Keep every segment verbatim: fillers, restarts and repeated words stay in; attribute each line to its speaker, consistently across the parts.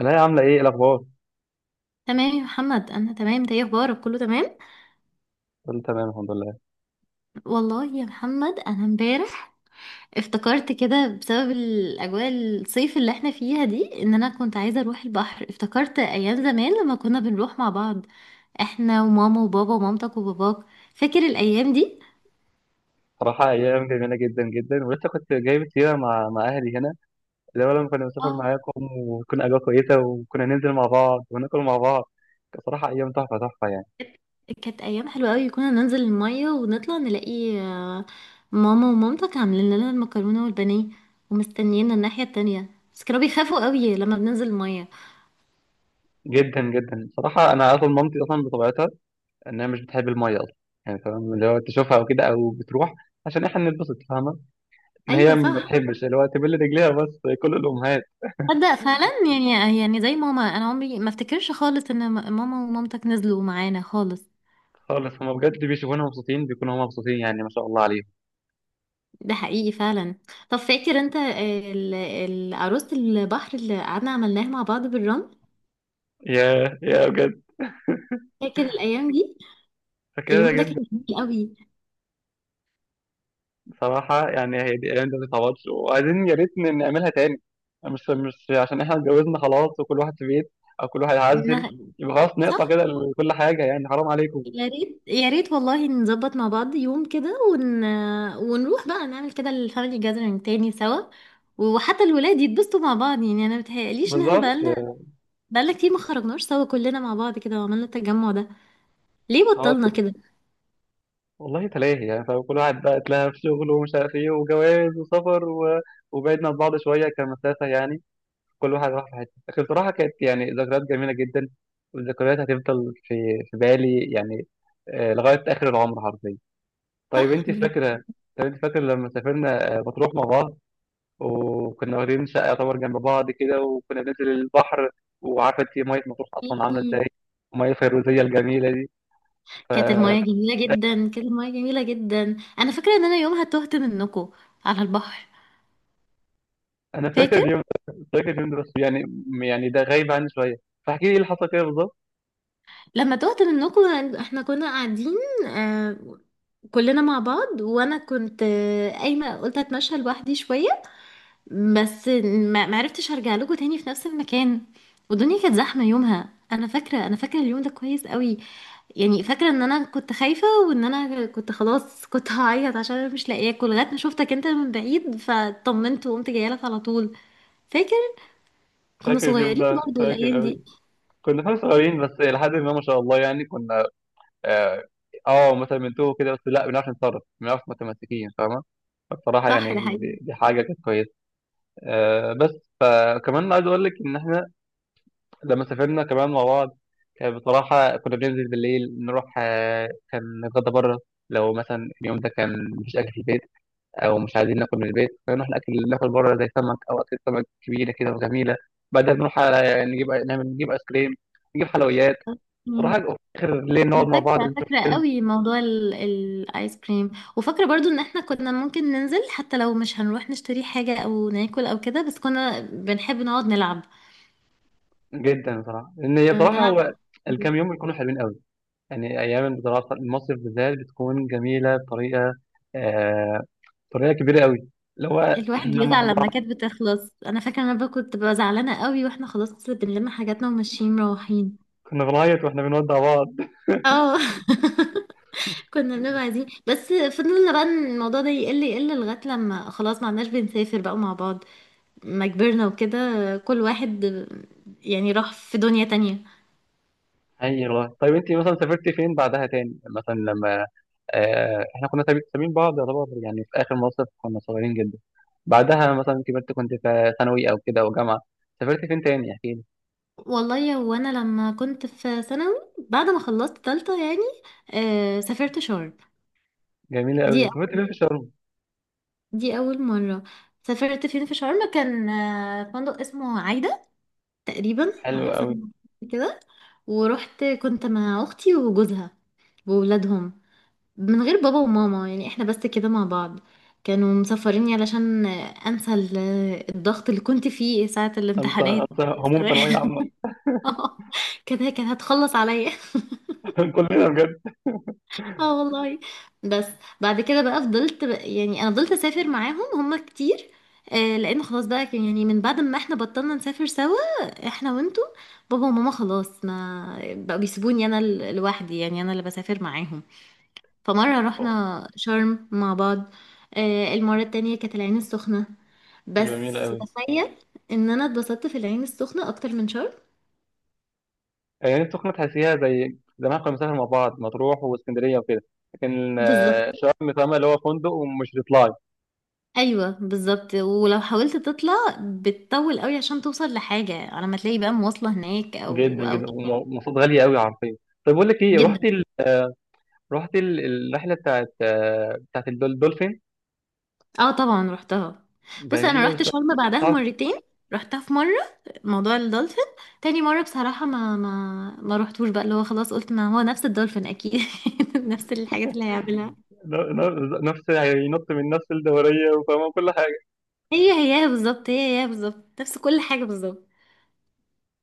Speaker 1: انا، هي عامله ايه؟ إيه الاخبار؟
Speaker 2: تمام يا محمد، انا تمام. ده ايه اخبارك؟ كله تمام.
Speaker 1: كله تمام، الحمد لله.
Speaker 2: والله يا محمد، انا امبارح افتكرت كده بسبب الاجواء الصيف اللي احنا فيها دي ان انا كنت عايزه اروح البحر. افتكرت ايام زمان لما كنا بنروح مع بعض، احنا وماما وبابا ومامتك وباباك. فاكر الايام دي؟
Speaker 1: صراحه ايام جميله جدا جدا، ولسه كنت جايب سيره مع مع اهلي هنا، اللي هو لما كنا بنسافر
Speaker 2: اه.
Speaker 1: معاكم وكنا اجواء كويسه، وكنا ننزل مع بعض وناكل مع بعض. كانت صراحه ايام تحفه تحفه يعني.
Speaker 2: كانت كانت ايام حلوه قوي. كنا ننزل الميه ونطلع نلاقي آه، ماما ومامتك عاملين لنا المكرونه والبانيه، ومستنينا الناحيه التانية. بس كانوا بيخافوا قوي لما بننزل الميه.
Speaker 1: جدا جدا صراحه، انا اصلا مامتي اصلا بطبيعتها انها مش بتحب الميه اصلا، يعني تمام اللي هو تشوفها او كده او بتروح عشان احنا نتبسط، فاهمه؟ ان
Speaker 2: ايوه،
Speaker 1: هي ما
Speaker 2: صح.
Speaker 1: بتحبش اللي هو تبل رجليها، بس كل الامهات
Speaker 2: تصدق فعلا؟ يعني يعني زي ماما. انا عمري ما افتكرش خالص ان م- ماما ومامتك نزلوا معانا خالص.
Speaker 1: خالص هما بجد بيشوفونا مبسوطين بيكونوا هما مبسوطين، يعني ما شاء الله عليهم.
Speaker 2: ده حقيقي فعلا. طب فاكر انت ال- ال- عروسة البحر اللي قعدنا عملناها مع بعض بالرمل؟
Speaker 1: يا يا بجد،
Speaker 2: فاكر الايام دي؟
Speaker 1: فاكرها
Speaker 2: اليوم ده كان
Speaker 1: جدا.
Speaker 2: جميل قوي.
Speaker 1: صراحة يعني هي دي، أيام دي ما تتعوضش، وعايزين يا ريت ن- نعملها تاني. مش مش عشان إحنا اتجوزنا خلاص وكل واحد في بيت، أو كل واحد عزل،
Speaker 2: إنها-
Speaker 1: يبقى خلاص
Speaker 2: صح.
Speaker 1: نقطع كده كل حاجة، يعني حرام عليكم.
Speaker 2: يا ريت يا ريت والله نظبط مع بعض يوم كده ون... ونروح بقى نعمل كده الفاميلي جاذرينج تاني سوا. وحتى الولاد يتبسطوا مع بعض، يعني انا متهيأليش ان احنا
Speaker 1: بالظبط.
Speaker 2: بقالنا بقالنا كتير ما خرجناش سوا كلنا مع بعض كده وعملنا التجمع ده. ليه
Speaker 1: خلاص.
Speaker 2: بطلنا كده؟
Speaker 1: والله تلاهي يعني، فاهم؟ كل واحد بقى اتلهى في شغله ومش عارف إيه، وجواز وسفر و... وبعدنا عن بعض شوية كمسافة يعني. كل واحد راح في حتة، لكن بصراحة كانت يعني ذكريات جميلة جدا. والذكريات هتفضل في في بالي يعني، آه، لغاية آخر العمر حرفيا. طيب
Speaker 2: صح.
Speaker 1: انت فاكره؟ طيب انت فاكره لما سافرنا آه، مطروح مع بعض، وكنا واخدين شقه يعتبر جنب بعض كده، وكنا بننزل البحر، وعارفه انت ميه مطروح اصلا عامله
Speaker 2: يعني
Speaker 1: ازاي، الميه الفيروزيه الجميله دي.
Speaker 2: كانت
Speaker 1: فانا
Speaker 2: المايه جميله جدا، كانت المايه جميله جدا. انا فاكره ان انا يومها تهت منكم على البحر.
Speaker 1: فاكر
Speaker 2: فاكر؟
Speaker 1: اليوم ده. فاكر اليوم ده، بس يعني يعني ده غايب عني شويه، فاحكي لي ايه اللي حصل كده بالظبط.
Speaker 2: لما تهت منكم، احنا كنا قاعدين آه كلنا مع بعض. وانا كنت آه، قايمه، قلت اتمشى لوحدي شويه، بس ما ما عرفتش ارجع لكم تاني في نفس المكان. والدنيا كانت زحمه يومها. انا فاكره انا فاكره اليوم ده كويس قوي. يعني فاكرة ان انا كنت خايفة، وان انا كنت خلاص كنت هعيط عشان انا مش لاقيه اكل، لغاية ما شفتك انت من بعيد فطمنت وقمت جاية لك على طول. فاكر؟ كنا
Speaker 1: فاكر اليوم
Speaker 2: صغيرين
Speaker 1: ده،
Speaker 2: برضو
Speaker 1: فاكر
Speaker 2: الايام
Speaker 1: قوي.
Speaker 2: دي.
Speaker 1: كنا فعلا صغيرين، بس لحد ما ما شاء الله يعني كنا. اه، آه، مثلا بنتوه كده، بس لا بنعرف نتصرف، بنعرف متمسكين فاهمه. فبصراحه
Speaker 2: صح، ده
Speaker 1: يعني
Speaker 2: حقيقي.
Speaker 1: دي دي حاجه كانت كويسه. آه، بس فكمان عايز اقول لك ان احنا لما سافرنا كمان مع بعض، كان بصراحه كنا بننزل بالليل نروح، آه، كان نتغدى بره لو مثلا اليوم ده كان مفيش اكل في البيت، او مش عايزين ناكل من البيت، فنروح ناكل ناكل بره، زي سمك او اكل سمك كبيره كده وجميله. بعدها نروح على يعني نجيب نعمل نجيب ايس كريم، نجيب حلويات.
Speaker 2: مم.
Speaker 1: صراحه اخر ليل نقعد
Speaker 2: انا
Speaker 1: مع بعض
Speaker 2: فاكرة
Speaker 1: نشوف
Speaker 2: فاكرة
Speaker 1: فيلم.
Speaker 2: قوي موضوع ال- الايس كريم. وفاكرة برضو ان احنا كنا ممكن ننزل حتى لو مش هنروح نشتري حاجة او ناكل او كده، بس كنا بنحب نقعد نلعب.
Speaker 1: جدا بصراحه، لان هي
Speaker 2: كنا
Speaker 1: بصراحه هو
Speaker 2: بنلعب.
Speaker 1: الكام يوم بيكونوا حلوين قوي يعني. أيام الدراسة، المصيف بالذات بتكون جميلة بطريقة آه بطريقة كبيرة قوي. اللي هو
Speaker 2: الواحد
Speaker 1: لما
Speaker 2: بيزعل لما كانت بتخلص. انا فاكره انا بقى كنت ببقى زعلانه قوي واحنا خلاص بنلم حاجاتنا وماشيين مروحين.
Speaker 1: كنا بنعيط واحنا بنودع بعض.
Speaker 2: اه. كنا بنبقى عايزين، بس فضلنا بقى إن الموضوع ده يقل يقل لغايه لما خلاص ما عدناش بنسافر بقى مع بعض لما كبرنا وكده. كل واحد يعني راح في دنيا تانية.
Speaker 1: أي والله. طيب أنت مثلا سافرتي فين بعدها تاني؟ مثلا لما آه إحنا كنا سابي- سابين بعض، يعتبر يعني في آخر مصيف كنا صغيرين جدا. بعدها مثلا كبرت، كنت في ثانوي أو كده أو جامعة، سافرت فين تاني؟ احكي لي.
Speaker 2: والله يا، وانا لما كنت في ثانوي بعد ما خلصت تالتة، يعني آه سافرت شرم.
Speaker 1: جميلة قوي.
Speaker 2: دي
Speaker 1: سافرت فين في شرم؟
Speaker 2: دي اول مره. سافرت فين في شرم؟ كان آه، فندق اسمه عايدة، تقريبا
Speaker 1: حلو
Speaker 2: على حسب
Speaker 1: قوي.
Speaker 2: ما أعتقد كده. ورحت كنت مع اختي وجوزها وولادهم، من غير بابا وماما، يعني احنا بس كده مع بعض. كانوا مسافريني علشان انسى ال- الضغط اللي كنت فيه ساعة
Speaker 1: أنسى
Speaker 2: الامتحانات.
Speaker 1: أنسى هموم ثانوية عامة.
Speaker 2: كانت كانت هتخلص عليا.
Speaker 1: كلنا بجد.
Speaker 2: اه والله. بس بعد كده بقى فضلت بقى، يعني انا فضلت اسافر معاهم هما كتير. آه، لان خلاص بقى كان- يعني من بعد ما احنا بطلنا نسافر سوا، احنا وانتوا، بابا وماما خلاص ما بقوا بيسيبوني انا ال- لوحدي. يعني انا اللي بسافر معاهم. فمرة رحنا شرم مع بعض. آه المرة التانية كانت العين السخنة.
Speaker 1: جميلة
Speaker 2: بس
Speaker 1: قوي.
Speaker 2: تخيل ان انا اتبسطت في العين السخنة اكتر من شرم.
Speaker 1: آه، نفسي تكون تحسيها زي زمان، كنا بنسافر مع بعض مطروح واسكندريه وكده، لكن آه،
Speaker 2: بالظبط.
Speaker 1: شرم فاهمة اللي هو فندق ومش بيطلع.
Speaker 2: ايوه بالظبط. ولو حاولت تطلع بتطول قوي عشان توصل لحاجه على ما تلاقي بقى مواصله هناك
Speaker 1: جدا
Speaker 2: او او
Speaker 1: جدا.
Speaker 2: كده.
Speaker 1: ومواصلات غاليه قوي حرفيا. طب بقول لك ايه، رحت
Speaker 2: جدا.
Speaker 1: ال... رحت ال... الرحله بتاعت آه، بتاعت الدول- الدولفين.
Speaker 2: اه، طبعا رحتها. بص انا
Speaker 1: جميله
Speaker 2: رحت
Speaker 1: بس،
Speaker 2: شرم بعدها
Speaker 1: تعرف،
Speaker 2: مرتين، رحتها في مره موضوع الدولفين. تاني مره بصراحه ما ما ما رحتوش بقى، اللي هو خلاص قلت ما هو نفس الدولفين اكيد. نفس الحاجات اللي هيعملها.
Speaker 1: ن- ن- نفس يعني ينط من نفس الدوريه وفاهمه كل حاجه.
Speaker 2: هي هي بالظبط، هي هي بالظبط، نفس كل حاجه بالظبط.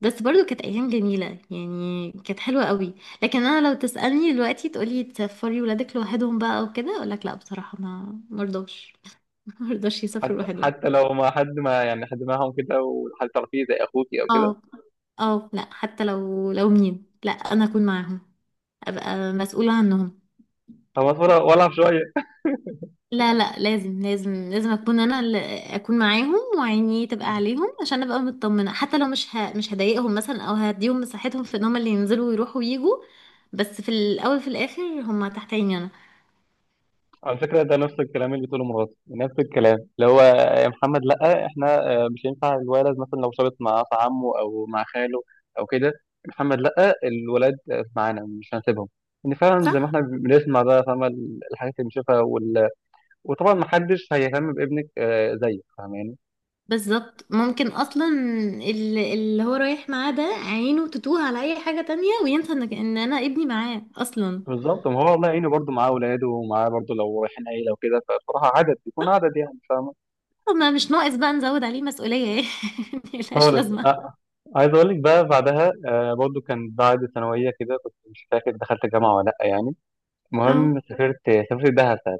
Speaker 2: بس برضو كانت ايام جميله، يعني كانت حلوه قوي. لكن انا لو تسالني دلوقتي تقولي تسافري ولادك لوحدهم بقى وكده، اقول لك لا، بصراحه ما مرضاش. مرضاش يسافروا
Speaker 1: حتى
Speaker 2: لوحدهم.
Speaker 1: حتى لو ما حد، ما يعني حد معاهم كده، وحد تعرفيه زي اخوكي او كده.
Speaker 2: اه. اه، لا، حتى لو لو مين، لا، انا اكون معاهم. ابقى مسؤوله عنهم.
Speaker 1: هو ولا ولا شويه.
Speaker 2: لا، لا، لازم لازم لازم اكون انا اللي اكون معاهم وعيني تبقى عليهم عشان ابقى مطمنه. حتى لو مش ه... مش هضايقهم مثلا او هديهم مساحتهم في ان هم اللي ينزلوا ويروحوا ويجوا، بس في الاول في الاخر هم تحت عيني انا.
Speaker 1: على فكرة ده نفس الكلام اللي بتقوله مراتي، نفس الكلام اللي هو، يا محمد لأ، احنا آه، مش ينفع الولد مثلا لو شابط مع أخ عمه أو مع خاله أو كده. محمد لأ، الولاد معانا، مش هنسيبهم. إن فعلا زي ما
Speaker 2: صح.
Speaker 1: احنا بنسمع بقى، فاهمة، الحاجات اللي بنشوفها وال... وطبعا محدش هيهتم بابنك آه، زيك، فاهماني.
Speaker 2: بالظبط، ممكن اصلا ال- اللي هو رايح معاه ده عينه تتوه على اي حاجة تانية وينسى ان ان انا ابني معاه اصلا.
Speaker 1: بالظبط. ما هو الله يعينه برضه، معاه أولاده ومعاه برضه، لو رايحين عيلة وكده فبصراحة عدد بيكون عدد يعني، فاهمة.
Speaker 2: طب ما مش ناقص بقى نزود عليه مسؤولية، يعني ملهاش
Speaker 1: خالص.
Speaker 2: لازمة.
Speaker 1: أ- عايز اقول لك بقى بعدها، آه، برضو كان بعد ثانويه كده، كنت مش فاكر دخلت جامعه ولا لا يعني،
Speaker 2: اه،
Speaker 1: المهم سافرت. سافرت دهب ساعتها.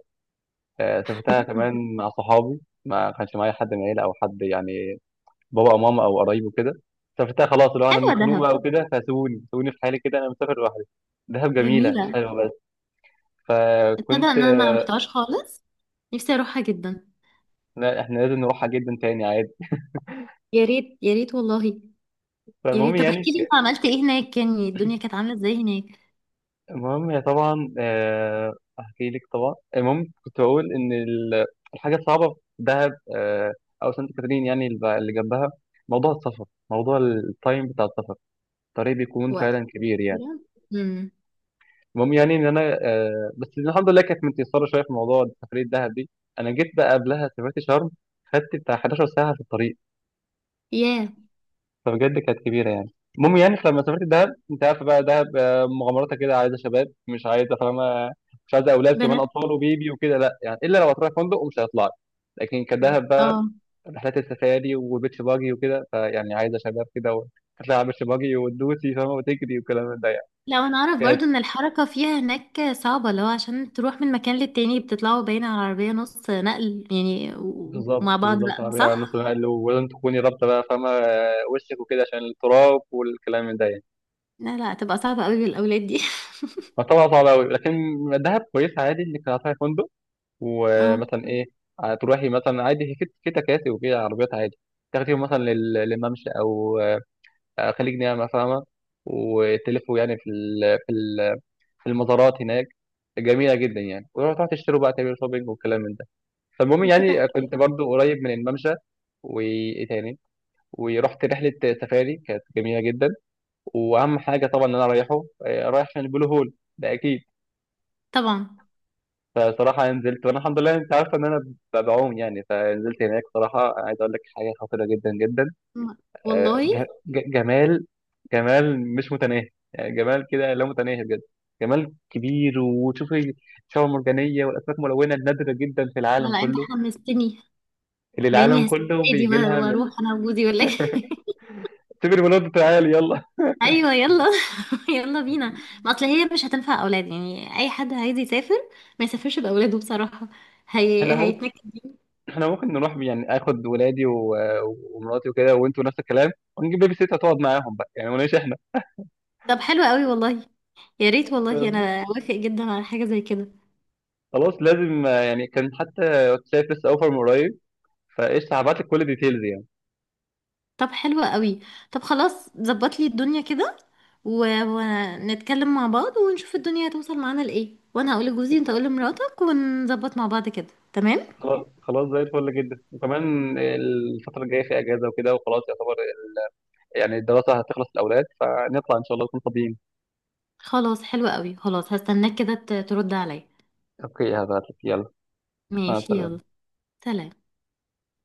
Speaker 1: آه، سافرتها كمان مع صحابي، ما كانش معايا حد من العيله او حد يعني، بابا او ماما او قرايب وكده. سافرتها خلاص، اللي هو انا
Speaker 2: حلوة
Speaker 1: مخنوق
Speaker 2: دهب.
Speaker 1: بقى وكده، فسيبوني سيبوني في حالي كده، انا مسافر لوحدي. دهب جميله، مش
Speaker 2: جميلة.
Speaker 1: حلوه بس.
Speaker 2: تصدق
Speaker 1: فكنت،
Speaker 2: ان انا ما رحتهاش خالص؟ نفسي اروحها جدا.
Speaker 1: لا احنا لازم نروحها جدا تاني عادي.
Speaker 2: يا ريت، يا ريت والله. يا
Speaker 1: فالمهم
Speaker 2: ريت. طب
Speaker 1: يعني،
Speaker 2: احكي لي انت عملت ايه هناك، يعني الدنيا كانت عاملة ازاي هناك؟
Speaker 1: المهم هي طبعا، آه، احكي لك طبعا، المهم كنت بقول ان ال- الحاجه الصعبه في دهب، آه، او سانت كاترين يعني اللي اللي جنبها، موضوع السفر، موضوع التايم بتاع السفر، الطريق بيكون
Speaker 2: و...
Speaker 1: فعلا كبير يعني.
Speaker 2: امم
Speaker 1: المهم يعني ان انا، آه، بس الحمد لله كانت متيسره شويه في موضوع سفريه دهب دي. انا جيت بقى قبلها سافرت شرم، خدت بتاع حداشر ساعه في الطريق،
Speaker 2: ياه.
Speaker 1: فبجد كانت كبيره يعني. المهم يعني لما سافرت دهب، انت عارف بقى دهب، آه، مغامراتها كده عايزه شباب مش عايزه، فاهمه، مش عايزه اولاد كمان
Speaker 2: بنات.
Speaker 1: اطفال وبيبي وكده، لا يعني، الا لو هتروح فندق ومش هيطلع. لكن كدهب بقى،
Speaker 2: اه.
Speaker 1: رحلات السفاري والبيتش باجي وكده، فيعني عايزه شباب كده و- هتلاقي على البيتش باجي وتدوسي، فاهمه، وتجري والكلام ده يعني.
Speaker 2: لو انا اعرف
Speaker 1: كانت،
Speaker 2: برضو ان الحركة فيها هناك صعبة، لو عشان تروح من مكان للتاني بتطلعوا باين على العربية نص نقل، يعني و-
Speaker 1: بالظبط
Speaker 2: ومع بعض
Speaker 1: بالظبط،
Speaker 2: بقى،
Speaker 1: عربيه على نص
Speaker 2: صح؟
Speaker 1: نقل، ولازم تكوني رابطه بقى، فاهمه، آه، وشك وكده عشان التراب والكلام ده يعني.
Speaker 2: لا، لا، تبقى صعبة قوي بالأولاد دي.
Speaker 1: فطبعا صعب قوي، لكن دهب كويس، عادي انك هتروحي فندق،
Speaker 2: اه.
Speaker 1: ومثلا ايه، آه، تروحي مثلا عادي في في تكاسي وكده، عربيات عادي، تاخديهم مثلا لل- للممشى، او آه، خليج نعمة، فاهمة، وتلفوا يعني في ال- في ال- في المزارات هناك. جميلة جدا يعني، وتروحوا تشتروا بقى، تعملوا شوبينج والكلام من ده. فالمهم
Speaker 2: انت
Speaker 1: يعني، آه،
Speaker 2: بحكي.
Speaker 1: كنت برضو قريب من الممشى. وايه تاني، ورحت رحلة سفاري كانت جميلة جدا. واهم حاجة طبعا ان انا رايحه آه، رايح عشان البلو هول، ده اكيد.
Speaker 2: طبعا.
Speaker 1: فصراحة نزلت، وأنا الحمد لله أنت عارفة إن أنا ب- بعوم يعني، فنزلت هناك، صراحة عايز أقول لك حاجة خطيرة جدا جدا،
Speaker 2: م-
Speaker 1: آه، ج-
Speaker 2: والله.
Speaker 1: ج- جمال، جمال مش متناهي يعني، جمال كده لا متناهي بجد، جمال كبير، وتشوفي شعاب مرجانية والأسماك ملونة النادرة جدا في
Speaker 2: لا،
Speaker 1: العالم
Speaker 2: لا، انت
Speaker 1: كله،
Speaker 2: حمستني.
Speaker 1: اللي العالم
Speaker 2: باني هسيب
Speaker 1: كله
Speaker 2: ولادي
Speaker 1: بيجي لها
Speaker 2: و-
Speaker 1: من.
Speaker 2: واروح انا وجوزي ولا إيه؟
Speaker 1: سيب الولاد تعالي يلا.
Speaker 2: ايوه يلا. يلا بينا. ما اصل هي مش هتنفع اولاد، يعني اي حد عايز يسافر ما يسافرش باولاده بصراحة. هي...
Speaker 1: احنا ممكن
Speaker 2: هيتنكد.
Speaker 1: احنا ممكن نروح يعني، اخد ولادي و- ومراتي وكده، وانتوا نفس الكلام، ونجيب بيبي سيت تقعد معاهم بقى يعني ونعيش.
Speaker 2: طب حلو قوي والله. يا ريت والله
Speaker 1: احنا
Speaker 2: انا اوافق جدا على حاجه زي كده.
Speaker 1: خلاص لازم، آه، يعني كان حتى كنت شايف لسه اوفر من قريب، فايش هبعت لك كل الديتيلز يعني.
Speaker 2: طب حلو قوي. طب خلاص ظبط لي الدنيا كده و... ونتكلم مع بعض ونشوف الدنيا هتوصل معانا لايه. وانا هقول لجوزي انت قول لمراتك ونظبط مع بعض كده. تمام.
Speaker 1: خلاص خلاص زي الفل جدا، وكمان الفتره الجايه في اجازه وكده، وخلاص يعتبر ال- يعني الدراسه هتخلص الاولاد، فنطلع ان شاء الله نكون فاضيين.
Speaker 2: خلاص حلو قوي. خلاص هستناك كده ت- ترد عليا.
Speaker 1: اوكي هبعت لك يلا. مع
Speaker 2: ماشي يلا.
Speaker 1: السلامه.
Speaker 2: سلام.